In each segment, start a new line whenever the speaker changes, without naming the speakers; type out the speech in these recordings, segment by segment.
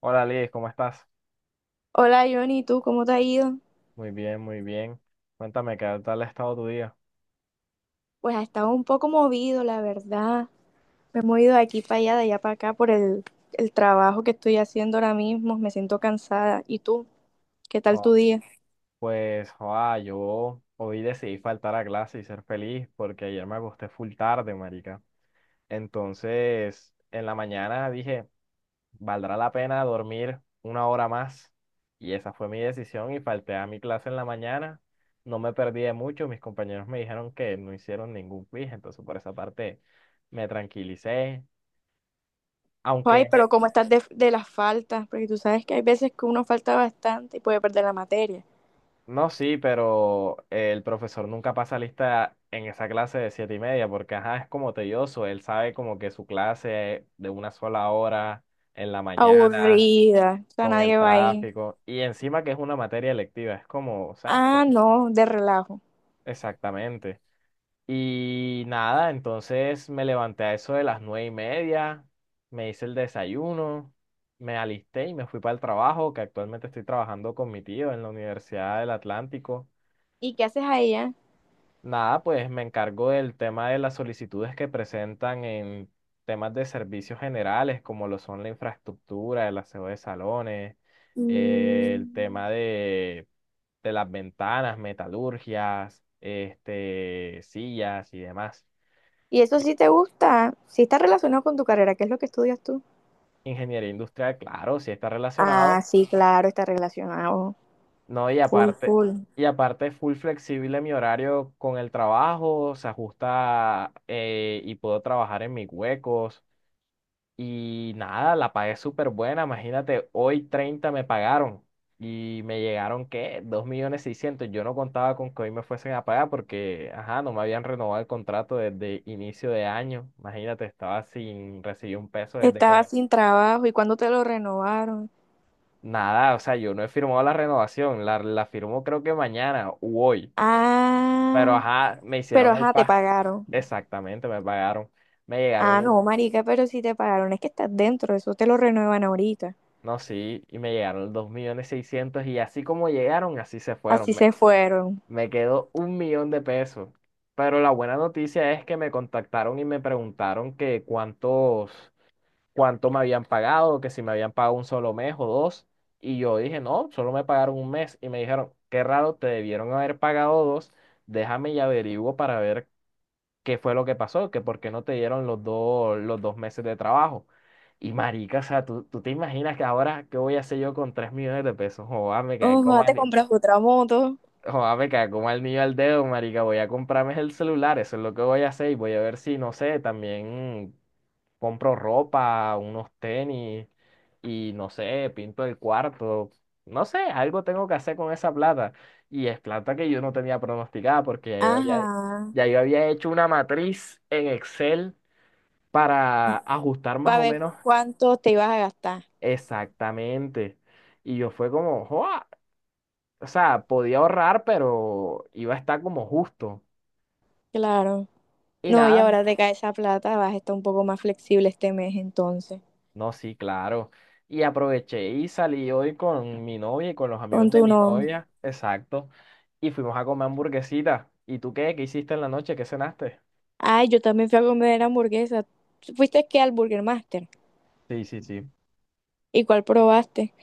Hola Liz, ¿cómo estás?
Hola Johnny, ¿tú cómo te ha ido?
Muy bien, muy bien. Cuéntame, ¿qué tal ha estado tu día?
Pues ha estado un poco movido, la verdad. Me he movido de aquí para allá, de allá para acá por el trabajo que estoy haciendo ahora mismo. Me siento cansada. ¿Y tú? ¿Qué tal
Ah,
tu día?
pues, joa, yo hoy decidí faltar a clase y ser feliz porque ayer me acosté full tarde, marica. Entonces, en la mañana dije, ¿valdrá la pena dormir una hora más? Y esa fue mi decisión y falté a mi clase en la mañana. No me perdí de mucho, mis compañeros me dijeron que no hicieron ningún quiz, entonces por esa parte me tranquilicé. Aunque.
Ay, pero ¿cómo estás de las faltas? Porque tú sabes que hay veces que uno falta bastante y puede perder la materia.
No, sí, pero el profesor nunca pasa lista en esa clase de 7:30, porque ajá, es como tedioso. Él sabe como que su clase es de una sola hora en la mañana,
Aburrida. O sea,
con el
nadie va ahí.
tráfico, y encima que es una materia electiva, es como, o sea,
Ah, no, de relajo.
exactamente. Y nada, entonces me levanté a eso de las 9:30, me hice el desayuno, me alisté y me fui para el trabajo, que actualmente estoy trabajando con mi tío en la Universidad del Atlántico.
¿Y qué haces allá?
Nada, pues me encargo del tema de las solicitudes que presentan en temas de servicios generales, como lo son la infraestructura, el aseo de salones, el
Mm,
tema de las ventanas, metalurgias, sillas y demás.
¿y eso sí te gusta? ¿Sí está relacionado con tu carrera? ¿Qué es lo que estudias tú?
Ingeniería industrial, claro, sí está
Ah,
relacionado,
sí, claro, está relacionado.
¿no? Y
Full,
aparte,
full.
y aparte es full flexible mi horario con el trabajo, se ajusta y puedo trabajar en mis huecos. Y nada, la pagué súper buena. Imagínate, hoy 30 me pagaron y me llegaron, ¿qué? 2.600.000. Yo no contaba con que hoy me fuesen a pagar porque, ajá, no me habían renovado el contrato desde inicio de año. Imagínate, estaba sin recibir un peso desde que
Estaba
me.
sin trabajo y cuando te lo renovaron.
Nada, o sea, yo no he firmado la renovación. La firmo creo que mañana u hoy. Pero,
Ah,
ajá, me
pero
hicieron el
ajá, te
pago.
pagaron.
Exactamente, me pagaron. Me llegaron
Ah,
los-
no, marica, pero si te pagaron, es que estás dentro, eso te lo renuevan ahorita.
no, sí, y me llegaron los 2.600.000 y así como llegaron, así se fueron.
Así se fueron.
Me quedó 1 millón de pesos. Pero la buena noticia es que me contactaron y me preguntaron que cuánto me habían pagado, que si me habían pagado un solo mes o dos. Y yo dije, no, solo me pagaron un mes. Y me dijeron, qué raro, te debieron haber pagado dos. Déjame y averiguo para ver qué fue lo que pasó, que por qué no te dieron los dos meses de trabajo. Y marica, o sea, ¿tú te imaginas que ahora qué voy a hacer yo con 3 millones de pesos? Joder, me caí
Ojo,
como,
ah, te
ani-
compras otra moto.
Joder, me cago como al niño al dedo, marica. Voy a comprarme el celular, eso es lo que voy a hacer. Y voy a ver si, no sé, también compro ropa, unos tenis y, no sé, pinto el cuarto. No sé, algo tengo que hacer con esa plata. Y es plata que yo no tenía pronosticada porque ya yo había,
Ajá.
ya yo había hecho una matriz en Excel para ajustar más
Para
o
ver
menos
cuánto te ibas a gastar.
exactamente. Y yo fue como, joa, o sea, podía ahorrar, pero iba a estar como justo.
Claro.
Y
No, y
nada,
ahora te cae esa plata, vas a estar un poco más flexible este mes entonces.
no, sí, claro. Y aproveché y salí hoy con mi novia y con los
Con
amigos de
tu
mi
no.
novia, exacto. Y fuimos a comer hamburguesita. ¿Y tú qué? ¿Qué hiciste en la noche? ¿Qué cenaste?
Ay, yo también fui a comer hamburguesa. ¿Fuiste qué al Burger Master?
Sí, sí, sí.
¿Y cuál probaste?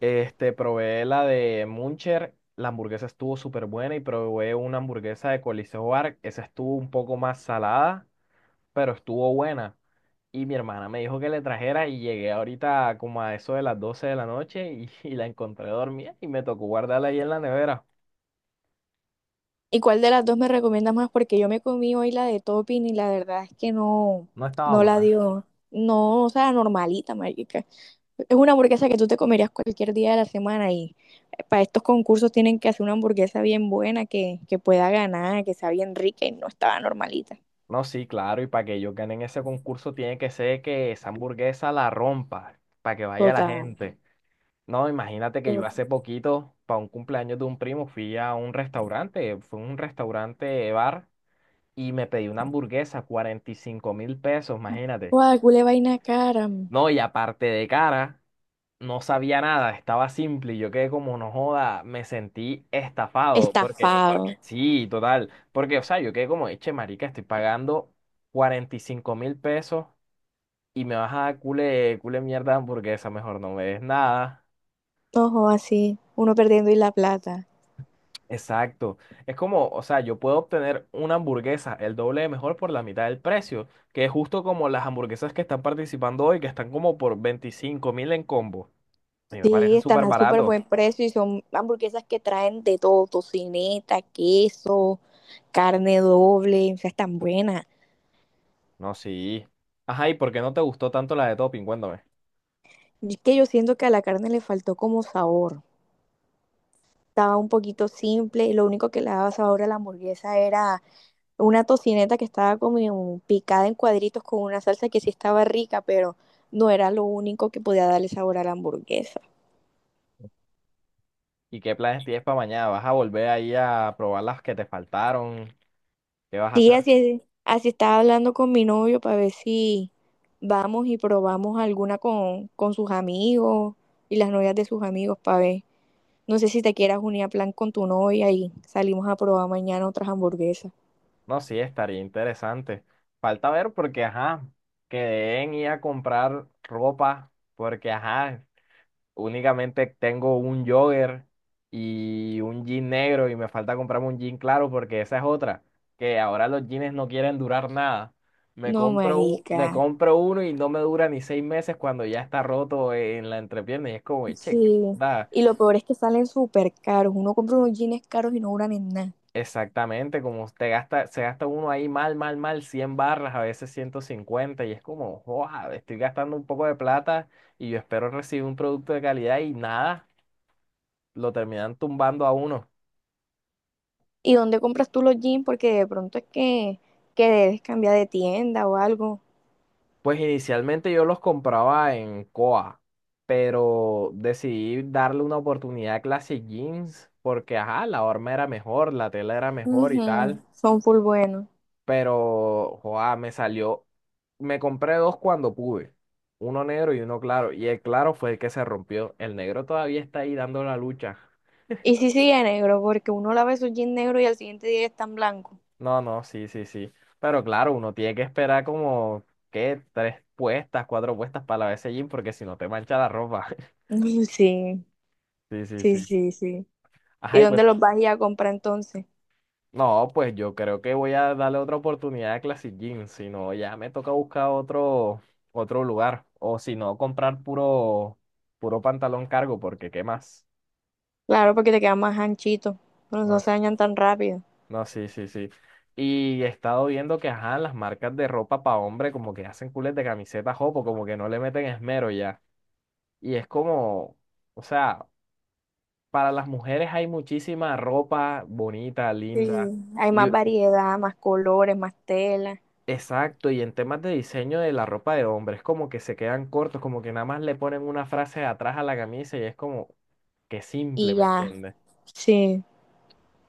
Probé la de Muncher, la hamburguesa estuvo súper buena y probé una hamburguesa de Coliseo Bar, esa estuvo un poco más salada, pero estuvo buena. Y mi hermana me dijo que le trajera y llegué ahorita como a eso de las 12 de la noche y, y la encontré dormida y me tocó guardarla ahí en la nevera.
¿Y cuál de las dos me recomiendas más? Porque yo me comí hoy la de topping y la verdad es que no,
No estaba
no la
buena.
dio. No, o sea, normalita, marica. Es una hamburguesa que tú te comerías cualquier día de la semana y para estos concursos tienen que hacer una hamburguesa bien buena que pueda ganar, que sea bien rica y no estaba normalita.
No, sí, claro, y para que ellos ganen ese concurso tiene que ser que esa hamburguesa la rompa, para que vaya la
Total,
gente. No, imagínate que yo
total.
hace poquito, para un cumpleaños de un primo, fui a un restaurante, fue un restaurante bar, y me pedí una hamburguesa, 45.000 pesos, imagínate.
Guau, culé vaina cara.
No, y aparte de cara. No sabía nada, estaba simple y yo quedé como, no joda, me sentí estafado, porque
Estafado.
sí, total, porque, o sea, yo quedé como, eche, marica, estoy pagando 45.000 pesos y me vas a dar cule, cule mierda de hamburguesa, mejor no me des nada.
Ojo, así, uno perdiendo y la plata.
Exacto, es como, o sea, yo puedo obtener una hamburguesa el doble de mejor por la mitad del precio, que es justo como las hamburguesas que están participando hoy, que están como por 25.000 en combo. A mí me
Sí,
parece
están
súper
a súper
barato.
buen precio y son hamburguesas que traen de todo, tocineta, queso, carne doble, o sea, están buenas.
No, sí. Ajá, ¿y por qué no te gustó tanto la de Topping? Cuéntame.
Y es que yo siento que a la carne le faltó como sabor. Estaba un poquito simple y lo único que le daba sabor a la hamburguesa era una tocineta que estaba como picada en cuadritos con una salsa que sí estaba rica, pero no era lo único que podía darle sabor a la hamburguesa.
¿Y qué planes tienes para mañana? ¿Vas a volver ahí a probar las que te faltaron? ¿Qué vas a
Sí,
hacer?
así estaba hablando con mi novio para ver si vamos y probamos alguna con sus amigos y las novias de sus amigos para ver. No sé si te quieras unir a plan con tu novia y salimos a probar mañana otras hamburguesas.
No, sí, estaría interesante. Falta ver porque, ajá, quedé en ir a comprar ropa porque, ajá, únicamente tengo un jogger y un jean negro y me falta comprarme un jean claro porque esa es otra, que ahora los jeans no quieren durar nada. Me
No,
compro, u- me
marica.
compro uno y no me dura ni 6 meses cuando ya está roto en la entrepierna y es como, che, qué
Sí.
onda.
Y lo peor es que salen súper caros. Uno compra unos jeans caros y no duran en nada.
Exactamente, como se gasta uno ahí mal, mal, mal, 100 barras, a veces 150 y es como, wow, estoy gastando un poco de plata y yo espero recibir un producto de calidad y nada, lo terminan tumbando a uno.
¿Y dónde compras tú los jeans? Porque de pronto es que debes cambiar de tienda o algo.
Pues inicialmente yo los compraba en Coa, pero decidí darle una oportunidad a Classic Jeans porque, ajá, la horma era mejor, la tela era mejor y
Ujú,
tal,
son full buenos.
pero, joa, me compré dos cuando pude, uno negro y uno claro, y el claro fue el que se rompió, el negro todavía está ahí dando la lucha.
Y sí sigue negro, porque uno lava su jeans negro y al siguiente día ya están blancos.
No, no, sí, sí, sí, pero claro, uno tiene que esperar como, ¿qué? 3 puestas, 4 puestas para la vez jean porque si no te mancha la ropa.
Uy, sí,
Sí, sí,
sí,
sí.
sí, sí. ¿Y
Ajá, y pues.
dónde los vas a ir a comprar entonces?
No, pues yo creo que voy a darle otra oportunidad a Classic Jeans, si no ya me toca buscar otro lugar, o si no comprar puro pantalón cargo, porque ¿qué más?
Claro, porque te quedan más anchitos. No,
No,
no se dañan tan rápido.
no, sí, sí, sí. Y he estado viendo que, ajá, las marcas de ropa para hombre como que hacen cules de camisetas jopo, como que no le meten esmero ya. Y es como, o sea, para las mujeres hay muchísima ropa bonita, linda.
Sí, hay más
Y.
variedad, más colores, más tela.
Exacto, y en temas de diseño de la ropa de hombre, es como que se quedan cortos, como que nada más le ponen una frase atrás a la camisa y es como que simple,
Y
¿me
ya,
entiendes?
sí,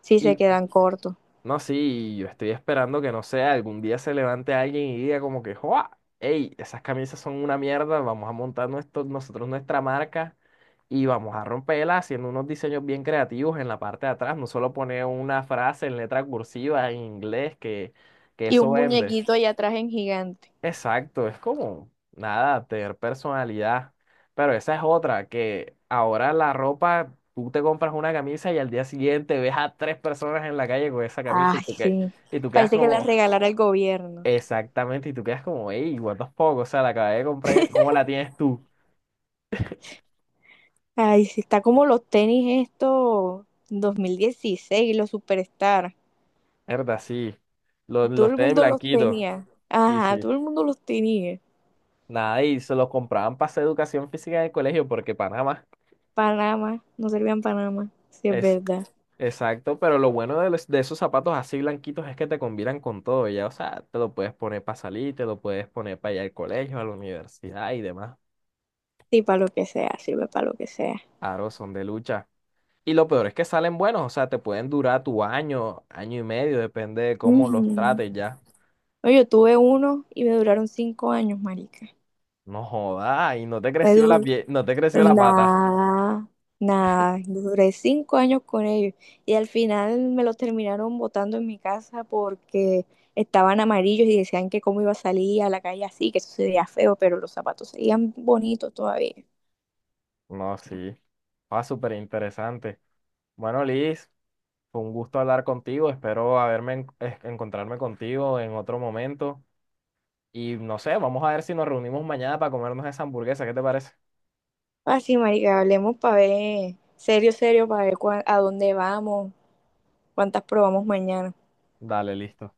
sí
Y
se quedan cortos.
no, sí, yo estoy esperando que no sé, algún día se levante alguien y diga como que, ¡Joa! ¡Ey! Esas camisas son una mierda, vamos a montar nosotros nuestra marca y vamos a romperla haciendo unos diseños bien creativos en la parte de atrás, no solo poner una frase en letra cursiva en inglés que
Y un
eso vende.
muñequito allá atrás en gigante.
Exacto, es como nada, tener personalidad. Pero esa es otra, que ahora la ropa, tú te compras una camisa y al día siguiente ves a tres personas en la calle con esa camisa y
Ay, sí.
tú quedas
Parece que le
como,
regalara el gobierno.
exactamente, y tú quedas como, ey, what the fuck, o sea, la acabé de comprar ayer, ¿cómo la tienes tú?
Ay, sí, está como los tenis estos 2016 los Superstar.
Verdad, sí, los,
Todo
los
el
tenis
mundo los
blanquitos,
tenía.
sí,
Ajá,
sí.
todo el mundo los tenía.
Nada, y se los compraban para hacer educación física en el colegio porque Panamá,
Panamá, no servían Panamá, si es verdad.
exacto, pero lo bueno de esos zapatos así blanquitos es que te combinan con todo, ya, o sea, te lo puedes poner para salir, te lo puedes poner para ir al colegio, a la universidad y demás.
Sí, para lo que sea, sirve para lo que sea.
Claro, son de lucha. Y lo peor es que salen buenos, o sea, te pueden durar tu año, año y medio, depende de cómo los
Ujú.
trates ya.
No, yo tuve uno y me duraron 5 años, marica.
No jodas, y no te
Me
creció la
duró.
pie, no te creció la pata.
Nada, nada. Duré 5 años con ellos. Y al final me los terminaron botando en mi casa porque estaban amarillos y decían que cómo iba a salir a la calle así, que eso sería feo, pero los zapatos seguían bonitos todavía.
No, sí. Ah, súper interesante. Bueno, Liz, fue un gusto hablar contigo, espero haberme encontrarme contigo en otro momento. Y no sé, vamos a ver si nos reunimos mañana para comernos esa hamburguesa. ¿Qué te parece?
Así, marica, hablemos para ver, serio, serio, para ver a dónde vamos, cuántas probamos mañana.
Dale, listo.